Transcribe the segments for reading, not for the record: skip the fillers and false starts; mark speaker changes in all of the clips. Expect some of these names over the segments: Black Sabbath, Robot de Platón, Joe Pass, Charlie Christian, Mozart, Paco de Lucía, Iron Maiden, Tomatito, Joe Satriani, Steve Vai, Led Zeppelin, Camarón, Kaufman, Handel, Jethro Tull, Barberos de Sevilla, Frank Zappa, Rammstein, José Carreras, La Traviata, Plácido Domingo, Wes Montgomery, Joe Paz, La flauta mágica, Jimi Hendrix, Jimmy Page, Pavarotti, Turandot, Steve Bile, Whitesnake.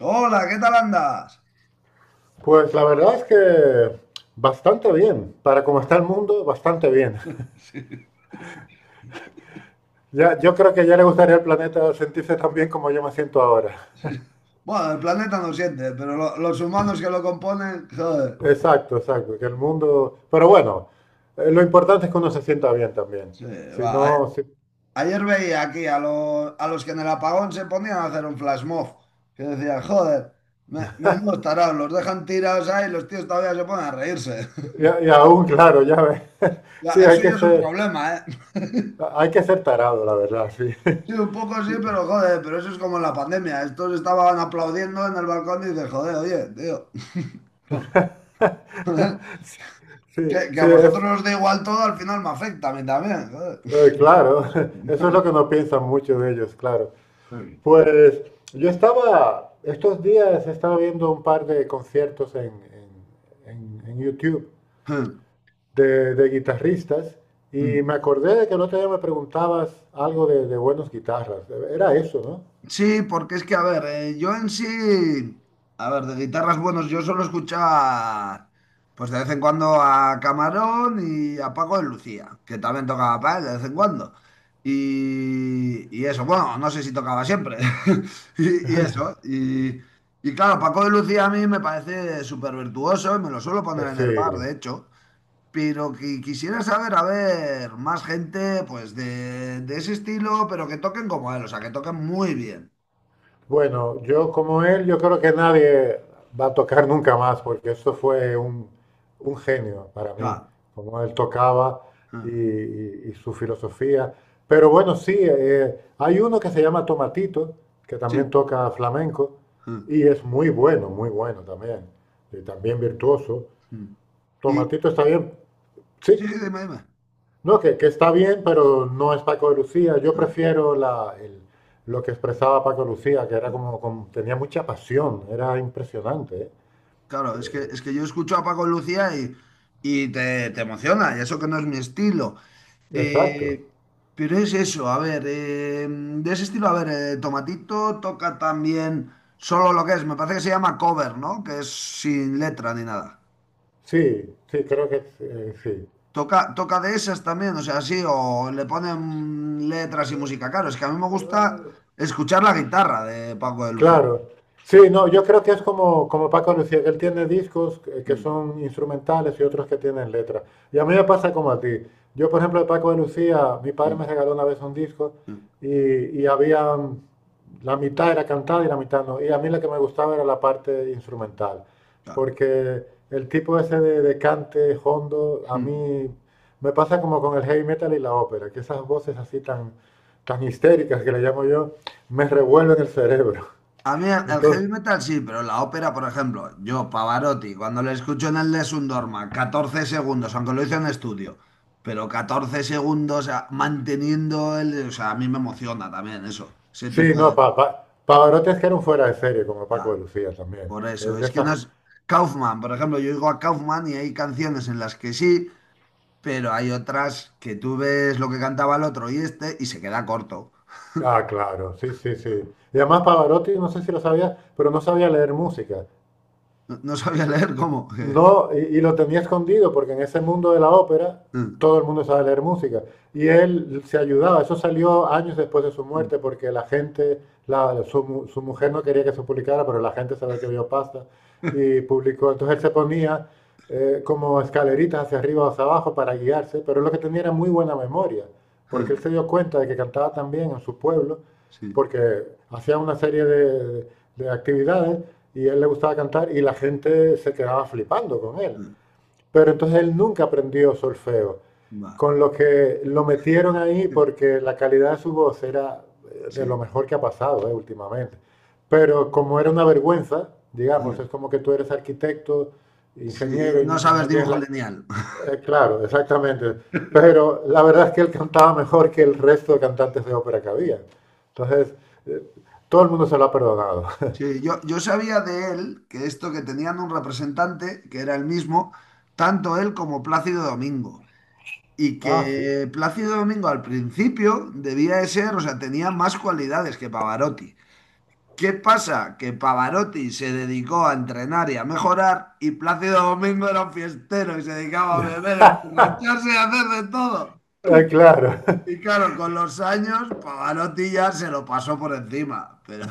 Speaker 1: Hola, ¿qué tal andas?
Speaker 2: Pues la verdad es que bastante bien. Para como está el mundo, bastante bien.
Speaker 1: Sí,
Speaker 2: Ya, yo creo que ya le gustaría al planeta sentirse tan bien como yo me siento ahora.
Speaker 1: sí. Bueno, el planeta no siente, pero los humanos que lo componen, joder.
Speaker 2: Exacto, exacto. Que el mundo. Pero bueno, lo importante es que uno se sienta bien también.
Speaker 1: Sí,
Speaker 2: Si
Speaker 1: va.
Speaker 2: no, si-
Speaker 1: Ayer veía aquí a, a los que en el apagón se ponían a hacer un flash mob, que decían joder, menudos tarados, los dejan tirados ahí y los tíos todavía se ponen a reírse.
Speaker 2: y aún, claro, ya ves.
Speaker 1: Ya,
Speaker 2: Sí,
Speaker 1: eso ya es un problema, ¿eh?
Speaker 2: hay que ser tarado, la verdad, sí.
Speaker 1: Sí, un poco sí, pero joder, pero eso es como en la pandemia. Estos estaban aplaudiendo en el balcón y dices, joder, oye, tío.
Speaker 2: Sí,
Speaker 1: Que
Speaker 2: sí,
Speaker 1: a vosotros
Speaker 2: es,
Speaker 1: os da igual todo, al final me afecta a mí también. Joder.
Speaker 2: claro, eso es lo que no piensan muchos de ellos, claro. Pues estos días estaba viendo un par de conciertos en YouTube de guitarristas y me acordé de que el otro día me preguntabas algo de buenos guitarras. Era eso, ¿no?
Speaker 1: Sí, porque es que, a ver, yo en sí, a ver, de guitarras buenos, yo solo escuchaba, pues de vez en cuando a Camarón y a Paco de Lucía, que también tocaba para él de vez en cuando. Y eso, bueno, no sé si tocaba siempre. Y eso, y claro, Paco de Lucía a mí me parece súper virtuoso y me lo suelo
Speaker 2: Eh,
Speaker 1: poner en el bar,
Speaker 2: Sí.
Speaker 1: de hecho. Pero que quisiera saber, a ver, más gente, pues de ese estilo, pero que toquen como él, o sea, que toquen muy bien.
Speaker 2: Bueno, yo como él, yo creo que nadie va a tocar nunca más, porque esto fue un genio para mí,
Speaker 1: Claro.
Speaker 2: como él tocaba
Speaker 1: Ah,
Speaker 2: y su filosofía. Pero bueno, sí, hay uno que se llama Tomatito, que también
Speaker 1: sí.
Speaker 2: toca flamenco,
Speaker 1: Ah,
Speaker 2: y es muy bueno, muy bueno también, y también virtuoso.
Speaker 1: mm. Y
Speaker 2: Tomatito está bien, sí,
Speaker 1: sí, sí, dime, dime.
Speaker 2: no, que está bien, pero no es Paco de Lucía. Yo
Speaker 1: Ah,
Speaker 2: prefiero lo que expresaba Paco de Lucía, que era
Speaker 1: ah.
Speaker 2: tenía mucha pasión, era impresionante. ¿Eh?
Speaker 1: Claro, es que yo escucho a Paco Lucía y, y te emociona, y eso que no es mi estilo.
Speaker 2: Exacto.
Speaker 1: Eh, pero es eso, a ver, de ese estilo, a ver, Tomatito toca también solo lo que es, me parece que se llama cover, ¿no? Que es sin letra ni nada.
Speaker 2: Sí, sí, creo que sí.
Speaker 1: Toca de esas también, o sea, sí, o le ponen letras y música. Claro, es que a mí me gusta escuchar la guitarra de Paco de Lucía.
Speaker 2: Claro. Sí, no, yo creo que es como, como Paco Lucía, que él tiene discos que
Speaker 1: Mm,
Speaker 2: son instrumentales y otros que tienen letras. Y a mí me pasa como a ti. Yo, por ejemplo, de Paco de Lucía, mi padre me
Speaker 1: mm,
Speaker 2: regaló una vez un disco
Speaker 1: sí,
Speaker 2: y, y había la mitad era cantada y la mitad no. Y a mí la que me gustaba era la parte instrumental,
Speaker 1: claro.
Speaker 2: porque el tipo ese de cante hondo, a
Speaker 1: Mm.
Speaker 2: mí me pasa como con el heavy metal y la ópera, que esas voces así tan histéricas que le llamo yo, me revuelven el cerebro.
Speaker 1: A mí el
Speaker 2: Entonces,
Speaker 1: heavy metal sí, pero la ópera, por ejemplo, yo, Pavarotti, cuando le escucho en el Les un Dorma, 14 segundos, aunque lo hice en estudio, pero 14 segundos, o sea, manteniendo el. O sea, a mí me emociona también eso, ese
Speaker 2: sí,
Speaker 1: tipo
Speaker 2: no,
Speaker 1: de.
Speaker 2: Pavarotti es que era un fuera de serie, como Paco
Speaker 1: Ah,
Speaker 2: de Lucía también.
Speaker 1: por eso,
Speaker 2: Es de
Speaker 1: es que no
Speaker 2: esas...
Speaker 1: es. Kaufman, por ejemplo, yo digo a Kaufman y hay canciones en las que sí, pero hay otras que tú ves lo que cantaba el otro y este y se queda corto.
Speaker 2: Ah, claro, sí, sí, sí. Y además Pavarotti, no sé si lo sabías, pero no sabía leer música.
Speaker 1: No, no sabía leer cómo.
Speaker 2: No, y lo tenía escondido porque en ese mundo de la ópera todo el mundo sabe leer música. Y él se ayudaba, eso salió años después de su muerte porque la gente, la- su, mu- su mujer no quería que se publicara, pero la gente sabe que vio pasta y publicó. Entonces él se ponía como escaleritas hacia arriba o hacia abajo para guiarse, pero lo que tenía era muy buena memoria, porque él se dio cuenta de que cantaba también en su pueblo,
Speaker 1: Sí,
Speaker 2: porque hacía una serie de actividades y a él le gustaba cantar y la gente se quedaba flipando con él. Pero entonces él nunca aprendió solfeo,
Speaker 1: va.
Speaker 2: con lo que lo metieron ahí porque la calidad de su voz era de lo
Speaker 1: Sí,
Speaker 2: mejor que ha pasado últimamente. Pero como era una vergüenza, digamos, es como que tú eres arquitecto,
Speaker 1: sí,
Speaker 2: ingeniero
Speaker 1: no
Speaker 2: y
Speaker 1: sabes
Speaker 2: no tienes
Speaker 1: dibujo
Speaker 2: la...
Speaker 1: lineal.
Speaker 2: claro, exactamente. Pero la verdad es que él cantaba mejor que el resto de cantantes de ópera que había.
Speaker 1: Sí,
Speaker 2: Entonces, eh, todo el mundo se lo ha perdonado.
Speaker 1: sí, yo sabía de él que esto que tenían un representante, que era el mismo, tanto él como Plácido Domingo. Y
Speaker 2: Ah, sí.
Speaker 1: que Plácido Domingo al principio debía de ser, o sea, tenía más cualidades que Pavarotti. ¿Qué pasa? Que Pavarotti se dedicó a entrenar y a mejorar y Plácido Domingo era un fiestero y se dedicaba a beber, emborracharse y a hacer de todo.
Speaker 2: Claro.
Speaker 1: Y claro, con los años Pavarotti ya se lo pasó por encima. Pero...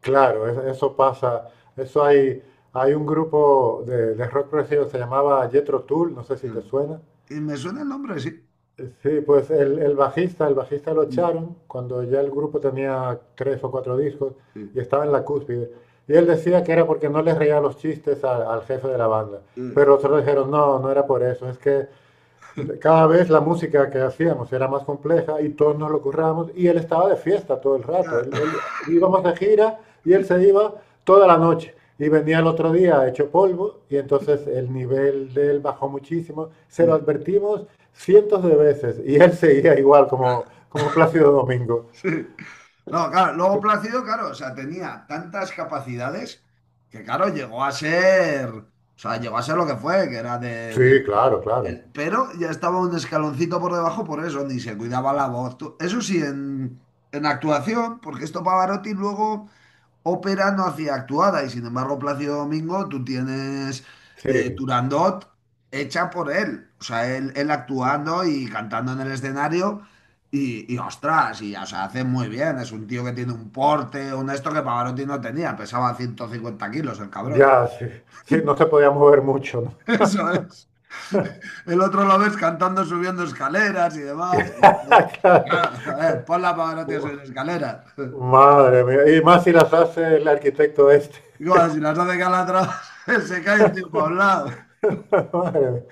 Speaker 2: Claro, es- eso pasa. Eso hay, hay un grupo de rock progresivo que se llamaba Jethro Tull, no sé si te suena.
Speaker 1: Y me suena el nombre, sí.
Speaker 2: Sí, pues el bajista lo
Speaker 1: Mm,
Speaker 2: echaron cuando ya el grupo tenía tres o cuatro discos
Speaker 1: sí.
Speaker 2: y estaba en la cúspide. Y él decía que era porque no les reía los chistes al jefe de la banda. Pero otros dijeron, no, no era por eso, es que cada vez la música que hacíamos era más compleja y todos nos lo currábamos y él estaba de fiesta todo el rato. Íbamos de gira y él se iba toda la noche y venía el otro día hecho polvo y entonces el nivel de él bajó muchísimo. Se lo
Speaker 1: Sí.
Speaker 2: advertimos cientos de veces y él seguía igual como, como Plácido Domingo.
Speaker 1: Sí. No, claro, luego Plácido, claro, o sea, tenía tantas capacidades que, claro, llegó a ser, o sea, llegó a ser lo que fue, que era
Speaker 2: Sí, claro, claro.
Speaker 1: Pero ya estaba un escaloncito por debajo por eso, ni se cuidaba la voz. Eso sí, en actuación, porque esto Pavarotti luego ópera no hacía actuada y sin embargo Plácido Domingo tú tienes
Speaker 2: Sí,
Speaker 1: Turandot hecha por él. O sea, él actuando y cantando en el escenario y, ostras, y o sea, hace muy bien. Es un tío que tiene un porte, un esto que Pavarotti no tenía, pesaba 150 kilos el cabrón.
Speaker 2: ya, sí, sí, no se podía mover mucho, ¿no?
Speaker 1: Eso es. El otro lo ves cantando, subiendo escaleras y demás. Y,
Speaker 2: Claro.
Speaker 1: claro, a ver, ponla para que no te subir
Speaker 2: Uf,
Speaker 1: escaleras.
Speaker 2: madre mía, y más si las hace el arquitecto este.
Speaker 1: Igual, si las hace calatras, se cae el tiempo a un lado.
Speaker 2: Madre mía.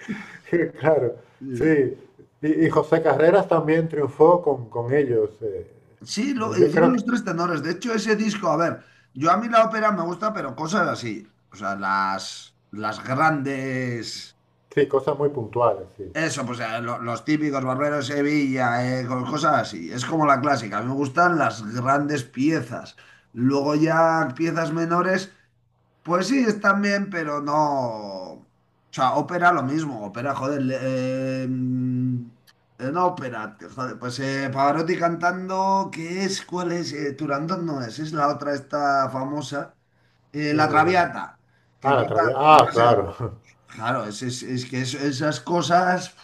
Speaker 2: Claro,
Speaker 1: Sí,
Speaker 2: sí. Y José Carreras también triunfó con ellos.
Speaker 1: sí,
Speaker 2: Yo creo
Speaker 1: hicieron
Speaker 2: que
Speaker 1: los tres tenores. De hecho, ese disco, a ver, yo a mí la ópera me gusta, pero cosas así. O sea, las grandes.
Speaker 2: sí, cosas muy puntuales, sí.
Speaker 1: Eso, pues los típicos Barberos de Sevilla, cosas así. Es como la clásica. A mí me gustan las grandes piezas. Luego ya piezas menores. Pues sí, están bien, pero no. O sea, ópera lo mismo, ópera, joder. No ópera, joder, pues Pavarotti cantando, ¿qué es? ¿Cuál es? Turandot no es, es la otra esta famosa, La
Speaker 2: Eh,
Speaker 1: Traviata, que
Speaker 2: ah, la
Speaker 1: canta,
Speaker 2: Traviata. Ah,
Speaker 1: además,
Speaker 2: claro.
Speaker 1: claro, es que esas cosas,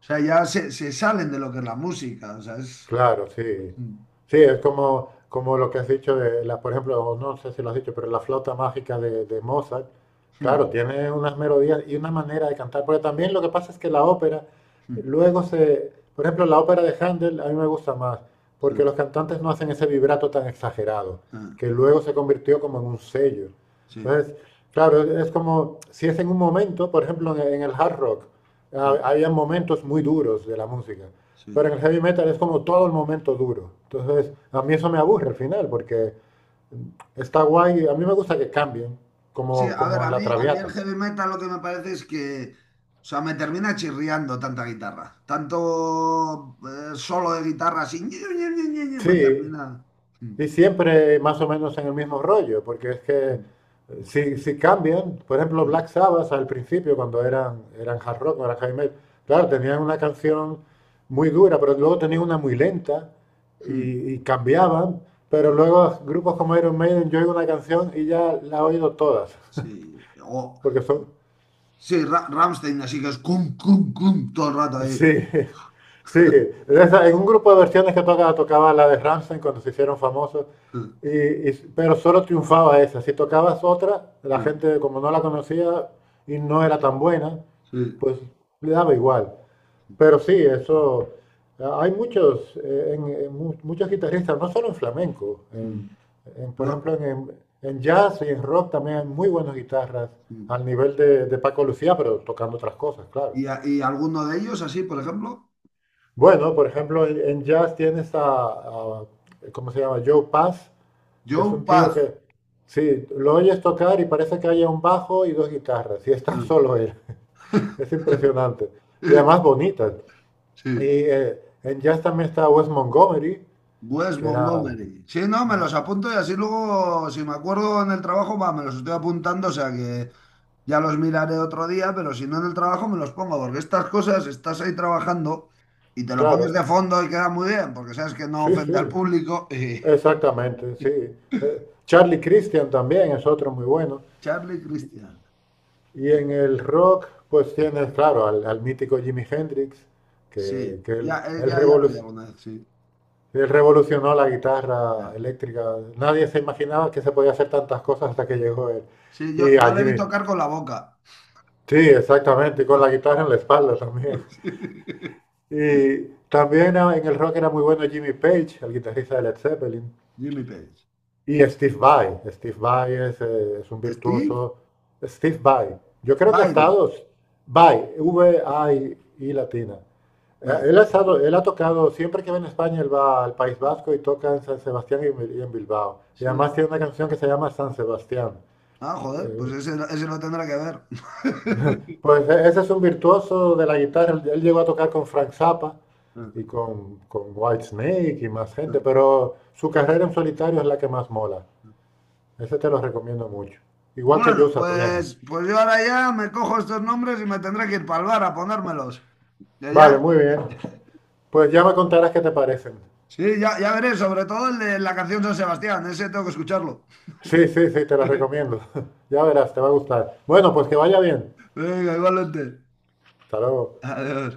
Speaker 1: o sea, ya se salen de lo que es la música, o sea, es...
Speaker 2: Claro, sí. Sí, es como, como lo que has dicho de la, por ejemplo, o no sé si lo has dicho, pero la flauta mágica de Mozart,
Speaker 1: Sí,
Speaker 2: claro, tiene unas melodías y una manera de cantar, porque también lo que pasa es que la ópera luego se, por ejemplo, la ópera de Handel a mí me gusta más,
Speaker 1: sí,
Speaker 2: porque los cantantes no hacen ese vibrato tan exagerado, que luego se convirtió como en un sello.
Speaker 1: sí,
Speaker 2: Entonces, claro, es como si es en un momento, por ejemplo, en el hard rock,
Speaker 1: sí,
Speaker 2: había momentos muy duros de la música.
Speaker 1: sí.
Speaker 2: Pero en el heavy metal es como todo el momento duro. Entonces, a mí eso me aburre al final, porque está guay. A mí me gusta que cambien,
Speaker 1: Sí,
Speaker 2: como,
Speaker 1: a ver,
Speaker 2: como
Speaker 1: a
Speaker 2: en la
Speaker 1: mí, a mí el
Speaker 2: Traviata.
Speaker 1: heavy metal lo que me parece es que, o sea, me termina chirriando tanta guitarra. Tanto solo de guitarra así, ñe, ñe, ñe, ñe, ñe, me
Speaker 2: Sí,
Speaker 1: termina. Mm,
Speaker 2: y siempre más o menos en el mismo rollo, porque es que
Speaker 1: mm,
Speaker 2: si cambian, por ejemplo,
Speaker 1: mm,
Speaker 2: Black Sabbath al principio, cuando eran hard rock, no eran heavy metal, claro, tenían una canción muy dura, pero luego tenían una muy lenta
Speaker 1: mm,
Speaker 2: y cambiaban. Pero
Speaker 1: sí,
Speaker 2: luego grupos como Iron Maiden, yo oigo una canción y ya la he oído todas,
Speaker 1: sí. O,
Speaker 2: porque son,
Speaker 1: sí, Rammstein, así que es cum, cum, cum, todo el rato ahí.
Speaker 2: sí, sí. En un grupo de versiones que tocaba, tocaba la de Rammstein cuando se hicieron famosos,
Speaker 1: Mm,
Speaker 2: y, pero solo triunfaba esa. Si tocabas otra, la
Speaker 1: mm,
Speaker 2: gente como no la conocía y no era tan buena,
Speaker 1: sí.
Speaker 2: pues le daba igual.
Speaker 1: Mm.
Speaker 2: Pero sí, eso, hay muchos, muchos guitarristas, no solo en flamenco,
Speaker 1: Mm.
Speaker 2: por
Speaker 1: Lo-
Speaker 2: ejemplo en jazz y en rock también hay muy buenas guitarras
Speaker 1: mm.
Speaker 2: al nivel de Paco Lucía, pero tocando otras cosas, claro.
Speaker 1: Y, y alguno de ellos, así, por ejemplo,
Speaker 2: Bueno, por ejemplo, en jazz tienes a- ¿cómo se llama? Joe Pass, que es
Speaker 1: Joe
Speaker 2: un tío
Speaker 1: Paz.
Speaker 2: que, sí, lo oyes tocar y parece que haya un bajo y dos guitarras, y está solo él. Es impresionante. Y además bonita. Y
Speaker 1: Sí.
Speaker 2: en jazz también está Wes Montgomery,
Speaker 1: Wes
Speaker 2: que era,
Speaker 1: Montgomery. Sí, no, me los apunto y así luego, si me acuerdo en el trabajo, va, me los estoy apuntando, o sea que ya los miraré otro día, pero si no en el trabajo me los pongo, porque estas cosas estás ahí trabajando y te lo pones
Speaker 2: claro,
Speaker 1: de fondo y queda muy bien, porque sabes que no
Speaker 2: sí,
Speaker 1: ofende al
Speaker 2: sí,
Speaker 1: público.
Speaker 2: exactamente, sí. Charlie Christian también es otro muy bueno.
Speaker 1: Charlie Christian.
Speaker 2: Y en el rock, pues tienes, claro, al mítico Jimi Hendrix,
Speaker 1: Sí,
Speaker 2: que
Speaker 1: ya,
Speaker 2: él, él,
Speaker 1: ya lo oí
Speaker 2: revolu-
Speaker 1: alguna vez, sí.
Speaker 2: él revolucionó la
Speaker 1: Ya.
Speaker 2: guitarra eléctrica. Nadie se imaginaba que se podía hacer tantas cosas hasta que llegó él.
Speaker 1: Sí, yo,
Speaker 2: Y
Speaker 1: yo
Speaker 2: a
Speaker 1: le vi
Speaker 2: Jimi,
Speaker 1: tocar con la boca.
Speaker 2: sí, exactamente, y con la guitarra en la espalda también. Y también ah, en el rock era muy bueno Jimmy Page, el guitarrista de Led Zeppelin,
Speaker 1: Jimmy Page.
Speaker 2: y Steve Vai. Steve Vai es un
Speaker 1: Steve
Speaker 2: virtuoso. Steve Vai. Yo creo que ha
Speaker 1: Bile.
Speaker 2: estado Vai, V-I-I latina.
Speaker 1: Bile.
Speaker 2: Él él ha tocado, siempre que va en España, él va al País Vasco y toca en San Sebastián y en y en Bilbao. Y
Speaker 1: Sí,
Speaker 2: además tiene una canción que se llama San Sebastián.
Speaker 1: ah, joder, pues
Speaker 2: Eh,
Speaker 1: ese, ese no tendrá que ver.
Speaker 2: Pues ese es un virtuoso de la guitarra. Él llegó a tocar con Frank Zappa y con Whitesnake y más gente, pero su carrera en solitario es la que más mola. Ese te lo recomiendo mucho. Igual que Joe
Speaker 1: Bueno,
Speaker 2: Satriani.
Speaker 1: pues yo ahora ya me cojo estos nombres y me tendré que ir para el bar a ponérmelos. Ya, ya,
Speaker 2: Vale, muy bien. Pues ya me contarás qué te parecen.
Speaker 1: sí, ya, ya veré, sobre todo el de la canción San Sebastián, ese tengo que escucharlo.
Speaker 2: Sí, sí, sí, te los recomiendo. Ya verás, te va a gustar. Bueno, pues que vaya bien.
Speaker 1: Venga, igualmente.
Speaker 2: Hasta luego.
Speaker 1: Adiós.